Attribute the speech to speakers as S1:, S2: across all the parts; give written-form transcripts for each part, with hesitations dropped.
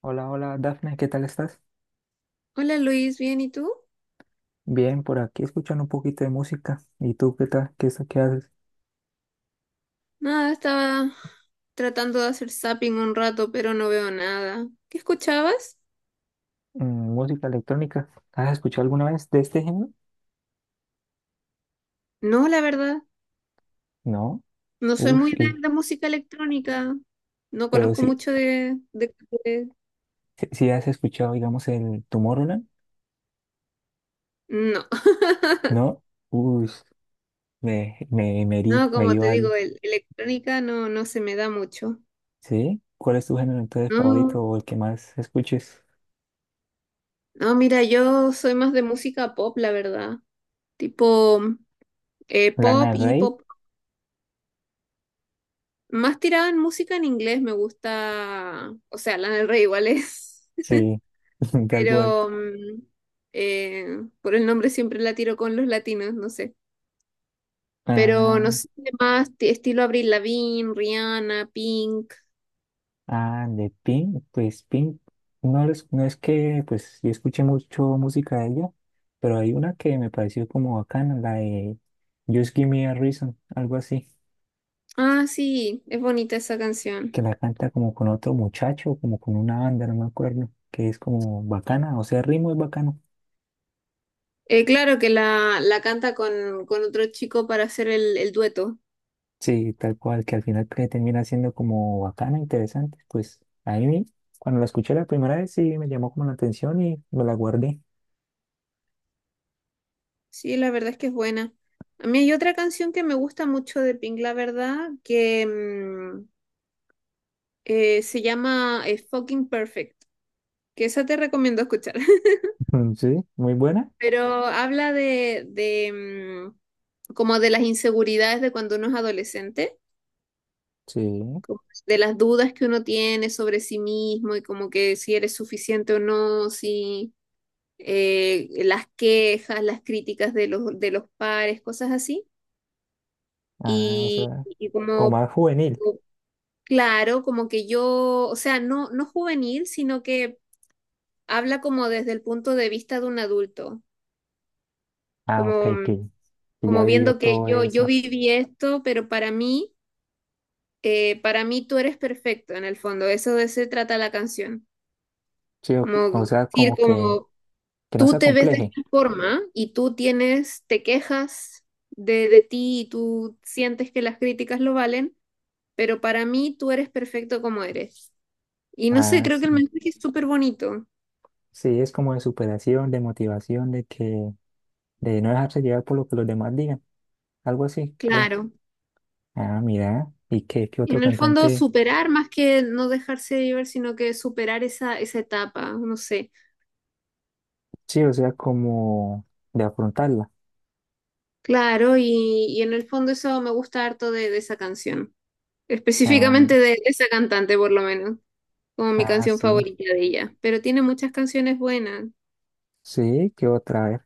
S1: Hola, hola, Dafne, ¿qué tal estás?
S2: Hola Luis, ¿bien y tú?
S1: Bien, por aquí escuchando un poquito de música. ¿Y tú qué tal? ¿ qué haces?
S2: Nada, estaba tratando de hacer zapping un rato, pero no veo nada. ¿Qué escuchabas?
S1: Música electrónica. ¿Has escuchado alguna vez de este género?
S2: No, la verdad,
S1: No.
S2: no soy muy
S1: Uf,
S2: de
S1: y,
S2: la música electrónica. No
S1: pero
S2: conozco
S1: sí,
S2: mucho de
S1: sí, sí has escuchado, digamos, el Tomorrowland,
S2: No.
S1: ¿no? Uf, me herí,
S2: No,
S1: me
S2: como
S1: dio
S2: te
S1: algo.
S2: digo, electrónica no, no se me da mucho.
S1: ¿Sí? ¿Cuál es tu género entonces
S2: No,
S1: favorito o el que más escuches?
S2: no, mira, yo soy más de música pop, la verdad. Tipo
S1: ¿Lana
S2: pop
S1: del
S2: y
S1: Rey?
S2: pop. Más tirada en música en inglés me gusta. O sea, Lana del Rey igual es.
S1: Sí, tal cual.
S2: Pero eh, por el nombre siempre la tiro con los latinos, no sé. Pero no
S1: Ah,
S2: sé, más estilo Avril Lavigne, Rihanna, Pink.
S1: Ah, de Pink, pues Pink, no es que, pues yo escuché mucho música de ella, pero hay una que me pareció como bacana, la de Just Give Me a Reason, algo así,
S2: Ah, sí, es bonita esa canción.
S1: que la canta como con otro muchacho, como con una banda, no me acuerdo, que es como bacana, o sea, el ritmo es bacano.
S2: Claro que la canta con otro chico para hacer el dueto.
S1: Sí, tal cual, que al final que termina siendo como bacana, interesante. Pues ahí cuando la escuché la primera vez, sí me llamó como la atención y me la guardé.
S2: Sí, la verdad es que es buena. A mí hay otra canción que me gusta mucho de Pink, la verdad, que se llama Fucking Perfect, que esa te recomiendo escuchar.
S1: Sí, muy buena.
S2: Pero habla de, mm, como de las inseguridades de cuando uno es adolescente,
S1: Sí.
S2: como de las dudas que uno tiene sobre sí mismo y como que si eres suficiente o no, si las quejas, las críticas de los pares, cosas así.
S1: Ah, o
S2: Y,
S1: sea,
S2: y
S1: como
S2: como,
S1: más juvenil.
S2: claro, como que yo, o sea, no, no juvenil, sino que habla como desde el punto de vista de un adulto,
S1: Ah, ok,
S2: como,
S1: que, que ya
S2: como
S1: vivió
S2: viendo que
S1: todo
S2: yo
S1: eso.
S2: viví esto, pero para mí tú eres perfecto en el fondo, eso de se trata la canción.
S1: Sí, o,
S2: Como
S1: o sea,
S2: decir,
S1: como
S2: como
S1: que no se
S2: tú te ves de
S1: acompleje.
S2: esta forma y tú tienes, te quejas de ti y tú sientes que las críticas lo valen, pero para mí tú eres perfecto como eres. Y no sé,
S1: Ah,
S2: creo que
S1: sí.
S2: el mensaje es súper bonito,
S1: Sí, es como de superación, de motivación, de que, de no dejarse llevar por lo que los demás digan. Algo así, creo.
S2: claro.
S1: Ah, mira. ¿Y qué otro
S2: En el fondo
S1: cantante?
S2: superar más que no dejarse llevar, sino que superar esa etapa, no sé.
S1: Sí, o sea, como de afrontarla.
S2: Claro, y en el fondo eso me gusta harto de esa canción.
S1: Ah, mi-
S2: Específicamente de esa cantante, por lo menos, como mi
S1: ah,
S2: canción
S1: sí.
S2: favorita de ella. Pero tiene muchas canciones buenas.
S1: Sí, qué otra vez.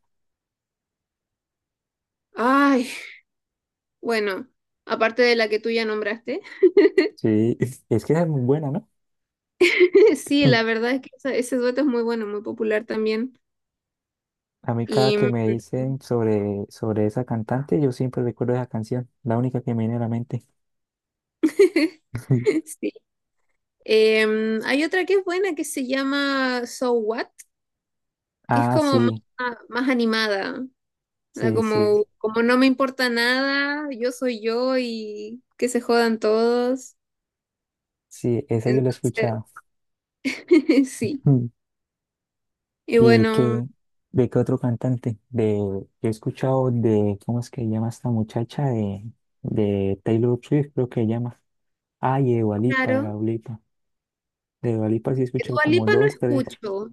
S2: Ay, bueno, aparte de la que tú ya nombraste.
S1: Sí, es que esa es muy buena, ¿no?
S2: Sí, la verdad es que ese dueto es muy bueno, muy popular también.
S1: A mí cada
S2: Y
S1: que
S2: mm,
S1: me dicen sobre esa cantante, yo siempre recuerdo esa canción, la única que me viene a la mente.
S2: sí. Hay otra que es buena que se llama So What, que es
S1: Ah,
S2: como más animada. ¿Verdad?
S1: sí, sí,
S2: Como, como no me importa nada, yo soy yo y que se jodan todos.
S1: sí, esa yo la he
S2: Entonces.
S1: escuchado.
S2: Sí.
S1: Mm.
S2: Y
S1: ¿Y
S2: bueno,
S1: de qué otro cantante? De, yo he escuchado de, ¿cómo es que se llama esta muchacha? De Taylor Swift, creo que se llama. Ah, y de
S2: claro,
S1: Dua Lipa. De Dua Lipa sí he escuchado
S2: Dua
S1: como
S2: Lipa no
S1: dos, tres,
S2: escucho,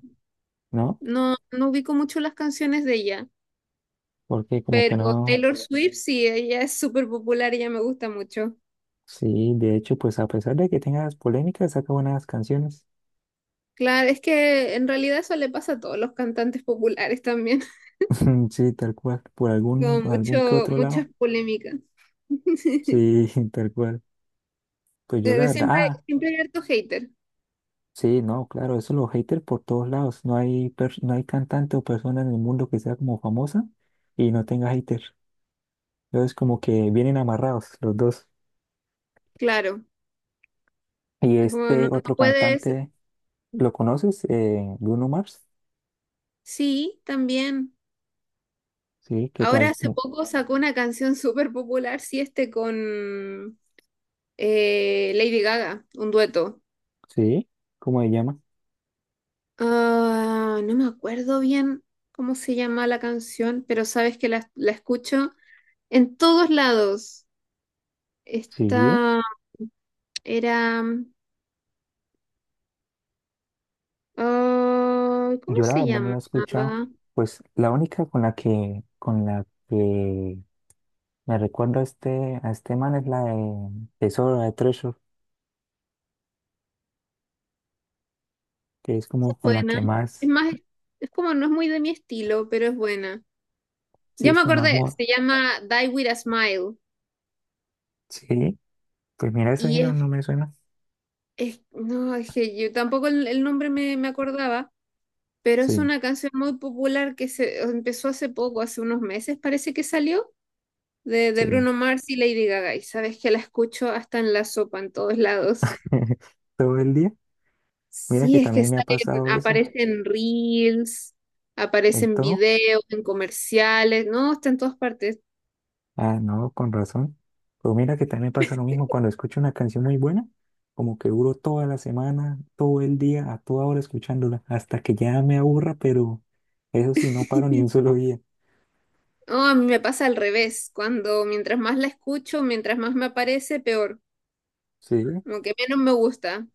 S1: ¿no?
S2: no, no ubico mucho las canciones de ella,
S1: Porque como
S2: pero
S1: que no,
S2: Taylor Swift sí, ella es súper popular y ella me gusta mucho.
S1: sí, de hecho, pues a pesar de que tenga las polémicas, saca buenas canciones.
S2: Claro, es que en realidad eso le pasa a todos los cantantes populares también,
S1: Sí, tal cual, por
S2: con
S1: algún que otro
S2: muchas
S1: lado.
S2: polémicas.
S1: Sí, tal cual. Pues yo la
S2: Pero
S1: verdad,
S2: Siempre,
S1: ah,
S2: siempre hay harto hater,
S1: sí, no, claro, eso los haters por todos lados. No hay, pers- no hay cantante o persona en el mundo que sea como famosa y no tenga haters. Entonces como que vienen amarrados los dos.
S2: claro.
S1: Y
S2: Es como no,
S1: este
S2: no
S1: otro
S2: puedes.
S1: cantante, ¿lo conoces? Bruno Mars.
S2: Sí, también.
S1: Sí, ¿qué
S2: Ahora
S1: tal?
S2: hace
S1: Mu-
S2: poco sacó una canción súper popular, sí, este con Lady Gaga, un dueto.
S1: Sí, ¿cómo se llama?
S2: Ah, no me acuerdo bien cómo se llama la canción, pero sabes que la escucho en todos lados.
S1: Sí,
S2: Esta era... ah, ¿cómo
S1: yo la
S2: se
S1: verdad no lo he escuchado.
S2: llamaba?
S1: Pues la única con la que me recuerdo a este man es la de Tesoro, la de Treasure, que es
S2: Es
S1: como con la
S2: buena.
S1: que
S2: Es
S1: más,
S2: más, es como no es muy de mi estilo, pero es buena.
S1: sí,
S2: Ya
S1: es
S2: me
S1: como más
S2: acordé,
S1: moda.
S2: se llama Die With a Smile.
S1: Sí, pues mira, esa sí
S2: Y
S1: no, no
S2: es,
S1: me suena.
S2: no, es que yo tampoco el nombre me acordaba. Pero es
S1: Sí,
S2: una canción muy popular que se empezó hace poco, hace unos meses parece que salió, de
S1: sí.
S2: Bruno Mars y Lady Gaga. Y sabes que la escucho hasta en la sopa, en todos lados.
S1: Todo el día. Mira
S2: Sí,
S1: que
S2: es que
S1: también me ha
S2: salen,
S1: pasado eso.
S2: aparecen reels,
S1: En
S2: aparecen
S1: todo.
S2: videos, en comerciales, no, está en todas partes.
S1: Ah, no, con razón. Pero mira que también me pasa lo mismo cuando escucho una canción muy buena, como que duro toda la semana, todo el día, a toda hora escuchándola, hasta que ya me aburra, pero eso sí, no paro ni un solo día.
S2: No, a mí me pasa al revés, cuando mientras más la escucho, mientras más me aparece, peor,
S1: Sí.
S2: como que menos me gusta.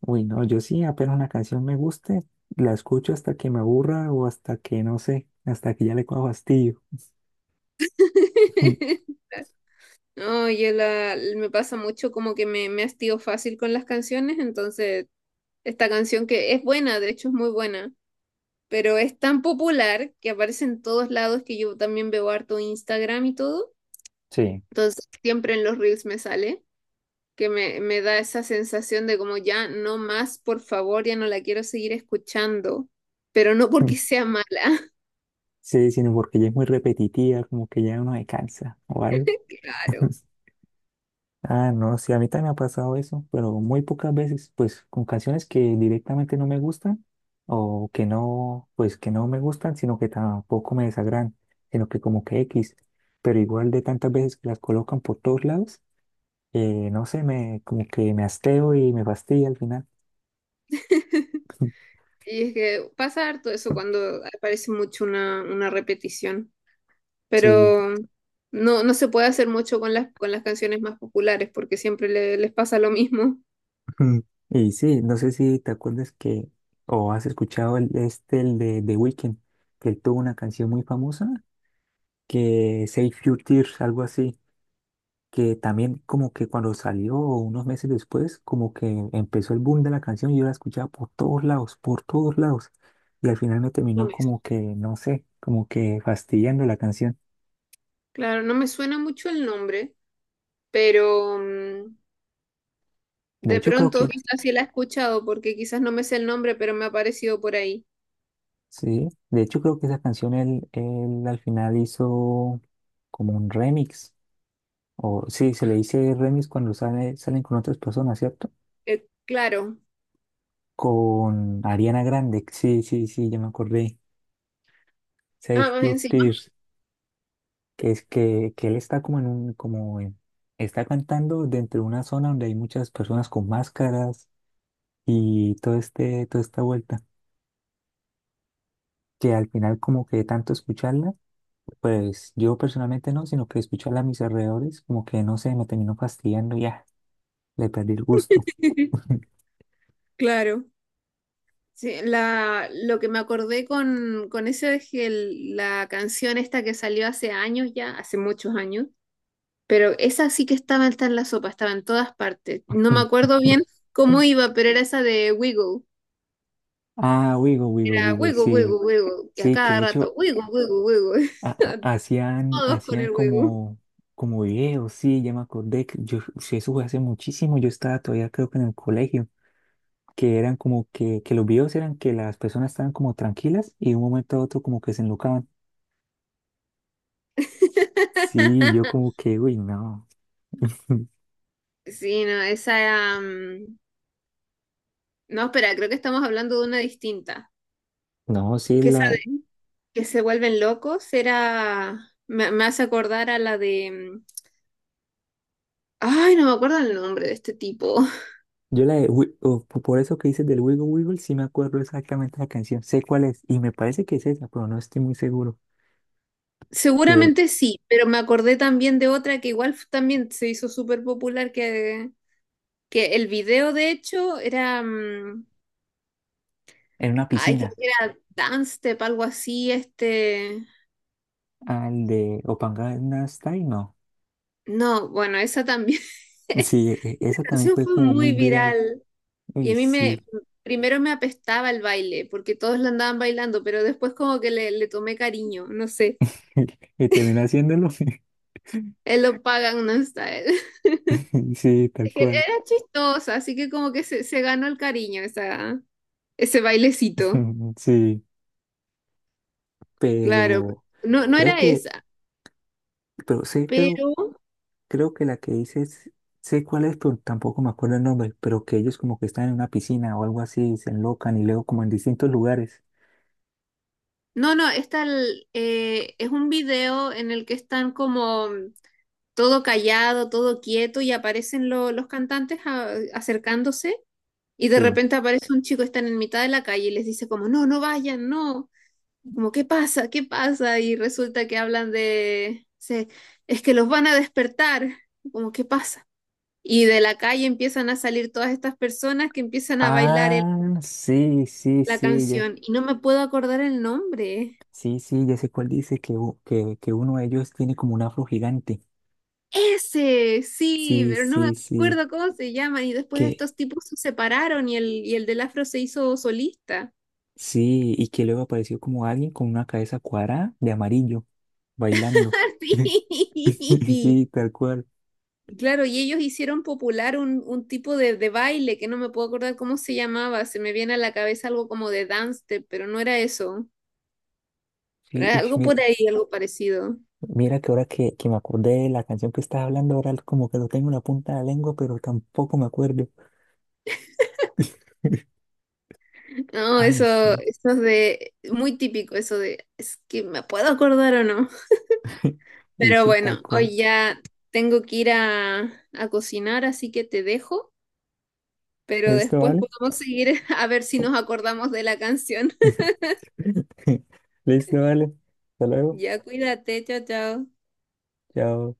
S1: Uy, no, yo sí, apenas una canción me guste, la escucho hasta que me aburra o hasta que, no sé, hasta que ya le coja fastidio.
S2: No, me pasa mucho como que me hastío fácil con las canciones, entonces esta canción que es buena, de hecho es muy buena, pero es tan popular que aparece en todos lados, que yo también veo harto Instagram y todo,
S1: Sí.
S2: entonces siempre en los reels me sale, que me da esa sensación de como ya no más, por favor, ya no la quiero seguir escuchando, pero no porque
S1: Mm.
S2: sea mala,
S1: Sí, sino porque ya es muy repetitiva, como que ya uno se cansa o algo.
S2: claro.
S1: Ah, no, sí, a mí también me ha pasado eso, pero muy pocas veces, pues con canciones que directamente no me gustan o que no, pues que no me gustan, sino que tampoco me desagradan, sino que como que X, pero igual de tantas veces que las colocan por todos lados. No sé, me, como que me hasteo y me fastidia al final.
S2: Y es que pasa harto eso cuando aparece mucho una repetición.
S1: Sí,
S2: Pero no, no se puede hacer mucho con con las canciones más populares porque siempre les pasa lo mismo.
S1: y sí, no sé si te acuerdas que, o has escuchado el, este, el de The Weeknd, que él tuvo una canción muy famosa, que Save Your Tears, algo así, que también como que cuando salió unos meses después, como que empezó el boom de la canción y yo la escuchaba por todos lados, y al final me
S2: Lo
S1: terminó
S2: mismo.
S1: como que, no sé, como que fastidiando la canción.
S2: Claro, no me suena mucho el nombre, pero
S1: De
S2: de
S1: hecho, creo
S2: pronto
S1: que
S2: quizás sí la he escuchado porque quizás no me sé el nombre, pero me ha aparecido por ahí.
S1: sí, de hecho creo que esa canción él al final hizo como un remix, o sí, se le dice remix cuando sale, salen con otras personas, ¿cierto?
S2: Claro,
S1: Con Ariana Grande, sí, ya me acordé,
S2: ah,
S1: Save
S2: más
S1: Your
S2: encima.
S1: Tears, que es que él está como en un, como en- está cantando dentro de una zona donde hay muchas personas con máscaras y todo este, toda esta vuelta, que al final como que de tanto escucharla pues yo personalmente no, sino que escucho a mis alrededores, como que no sé, me termino fastidiando y ya, le perdí el gusto.
S2: Claro. Sí, lo que me acordé con eso es que la canción esta que salió hace años ya, hace muchos años. Pero esa sí que estaba, está en la sopa, estaba en todas partes. No me acuerdo bien cómo iba, pero era esa de Wiggle.
S1: Ah,
S2: Era
S1: Wigo,
S2: Wiggle,
S1: sí,
S2: Wiggle, Wiggle. Y a
S1: sí, que de
S2: cada rato,
S1: hecho
S2: Wiggle, Wiggle, Wiggle.
S1: ha- ha- hacían,
S2: Todos con
S1: hacían
S2: el Wiggle.
S1: como, como videos, sí, ya me acordé, que yo, sí, eso fue hace muchísimo, yo estaba todavía creo que en el colegio, que eran como que los videos eran que las personas estaban como tranquilas y de un momento a otro como que se enlocaban. Sí, yo como que, uy, no,
S2: Sí, no, esa... No, espera, creo que estamos hablando de una distinta.
S1: no, sí,
S2: Que esa
S1: la,
S2: de que se vuelven locos era... Me hace acordar a la de... mm, Ay, no me acuerdo el nombre de este tipo.
S1: yo la de, Wi- o po- por eso que dices del Wiggle, sí me acuerdo exactamente la canción, sé cuál es, y me parece que es esa, pero no estoy muy seguro, que el-
S2: Seguramente sí, pero me acordé también de otra que igual también se hizo súper popular, que el video de hecho era
S1: en una
S2: ay, que
S1: piscina,
S2: era Dance Step, algo así, este,
S1: al de Opanganastai, no.
S2: no, bueno, esa también, esa
S1: Sí, e- e- esa también
S2: canción
S1: fue
S2: fue
S1: como muy
S2: muy
S1: viral,
S2: viral y
S1: uy,
S2: a mí
S1: sí,
S2: primero me apestaba el baile, porque todos la andaban bailando, pero después como que le tomé cariño, no sé,
S1: y terminé haciéndolo,
S2: él lo pagan no está él.
S1: sí, tal cual,
S2: Era chistosa, así que como que se ganó el cariño esa. Ese bailecito,
S1: sí,
S2: claro.
S1: pero
S2: No, no
S1: creo
S2: era
S1: que,
S2: esa,
S1: pero sí, creo
S2: pero
S1: creo que la que dices, sé cuál es, pero tampoco me acuerdo el nombre, pero que ellos como que están en una piscina o algo así, y se enlocan y luego como en distintos lugares.
S2: no, no, esta es un video en el que están como todo callado, todo quieto y aparecen los cantantes acercándose y de
S1: Sí.
S2: repente aparece un chico, están en mitad de la calle y les dice como, no, no vayan, no, como, ¿qué pasa? ¿Qué pasa? Y resulta que hablan de, es que los van a despertar, como, ¿qué pasa? Y de la calle empiezan a salir todas estas personas que empiezan a bailar
S1: Ah, sí, sí,
S2: la
S1: sí, ya,
S2: canción y no me puedo acordar el nombre.
S1: sí, sí, ya sé cuál dice, que, u- que uno de ellos tiene como un afro gigante.
S2: Ese, sí,
S1: Sí,
S2: pero no me
S1: sí, sí,
S2: acuerdo cómo se llama. Y después
S1: que
S2: estos tipos se separaron y el del afro se hizo solista.
S1: sí, y que luego apareció como alguien con una cabeza cuadrada de amarillo, bailando.
S2: Sí. Y
S1: Sí, tal cual.
S2: claro, y ellos hicieron popular un tipo de baile que no me puedo acordar cómo se llamaba. Se me viene a la cabeza algo como de dance, step, pero no era eso. Pero
S1: Sí,
S2: era
S1: uy,
S2: algo
S1: mira,
S2: por ahí, algo parecido.
S1: mira que ahora que me acordé de la canción que estás hablando, ahora como que lo tengo en la punta de la lengua, pero tampoco me acuerdo.
S2: No,
S1: Ay,
S2: eso,
S1: sí.
S2: eso es de muy típico, eso de es que me puedo acordar o no.
S1: Y
S2: Pero
S1: sí, tal
S2: bueno,
S1: cual.
S2: hoy ya tengo que ir a cocinar, así que te dejo, pero
S1: ¿Listo,
S2: después
S1: vale?
S2: podemos seguir a ver si nos acordamos de la canción.
S1: ¿Listo, vale? Hasta luego.
S2: Ya cuídate, chao, chao.
S1: Chao.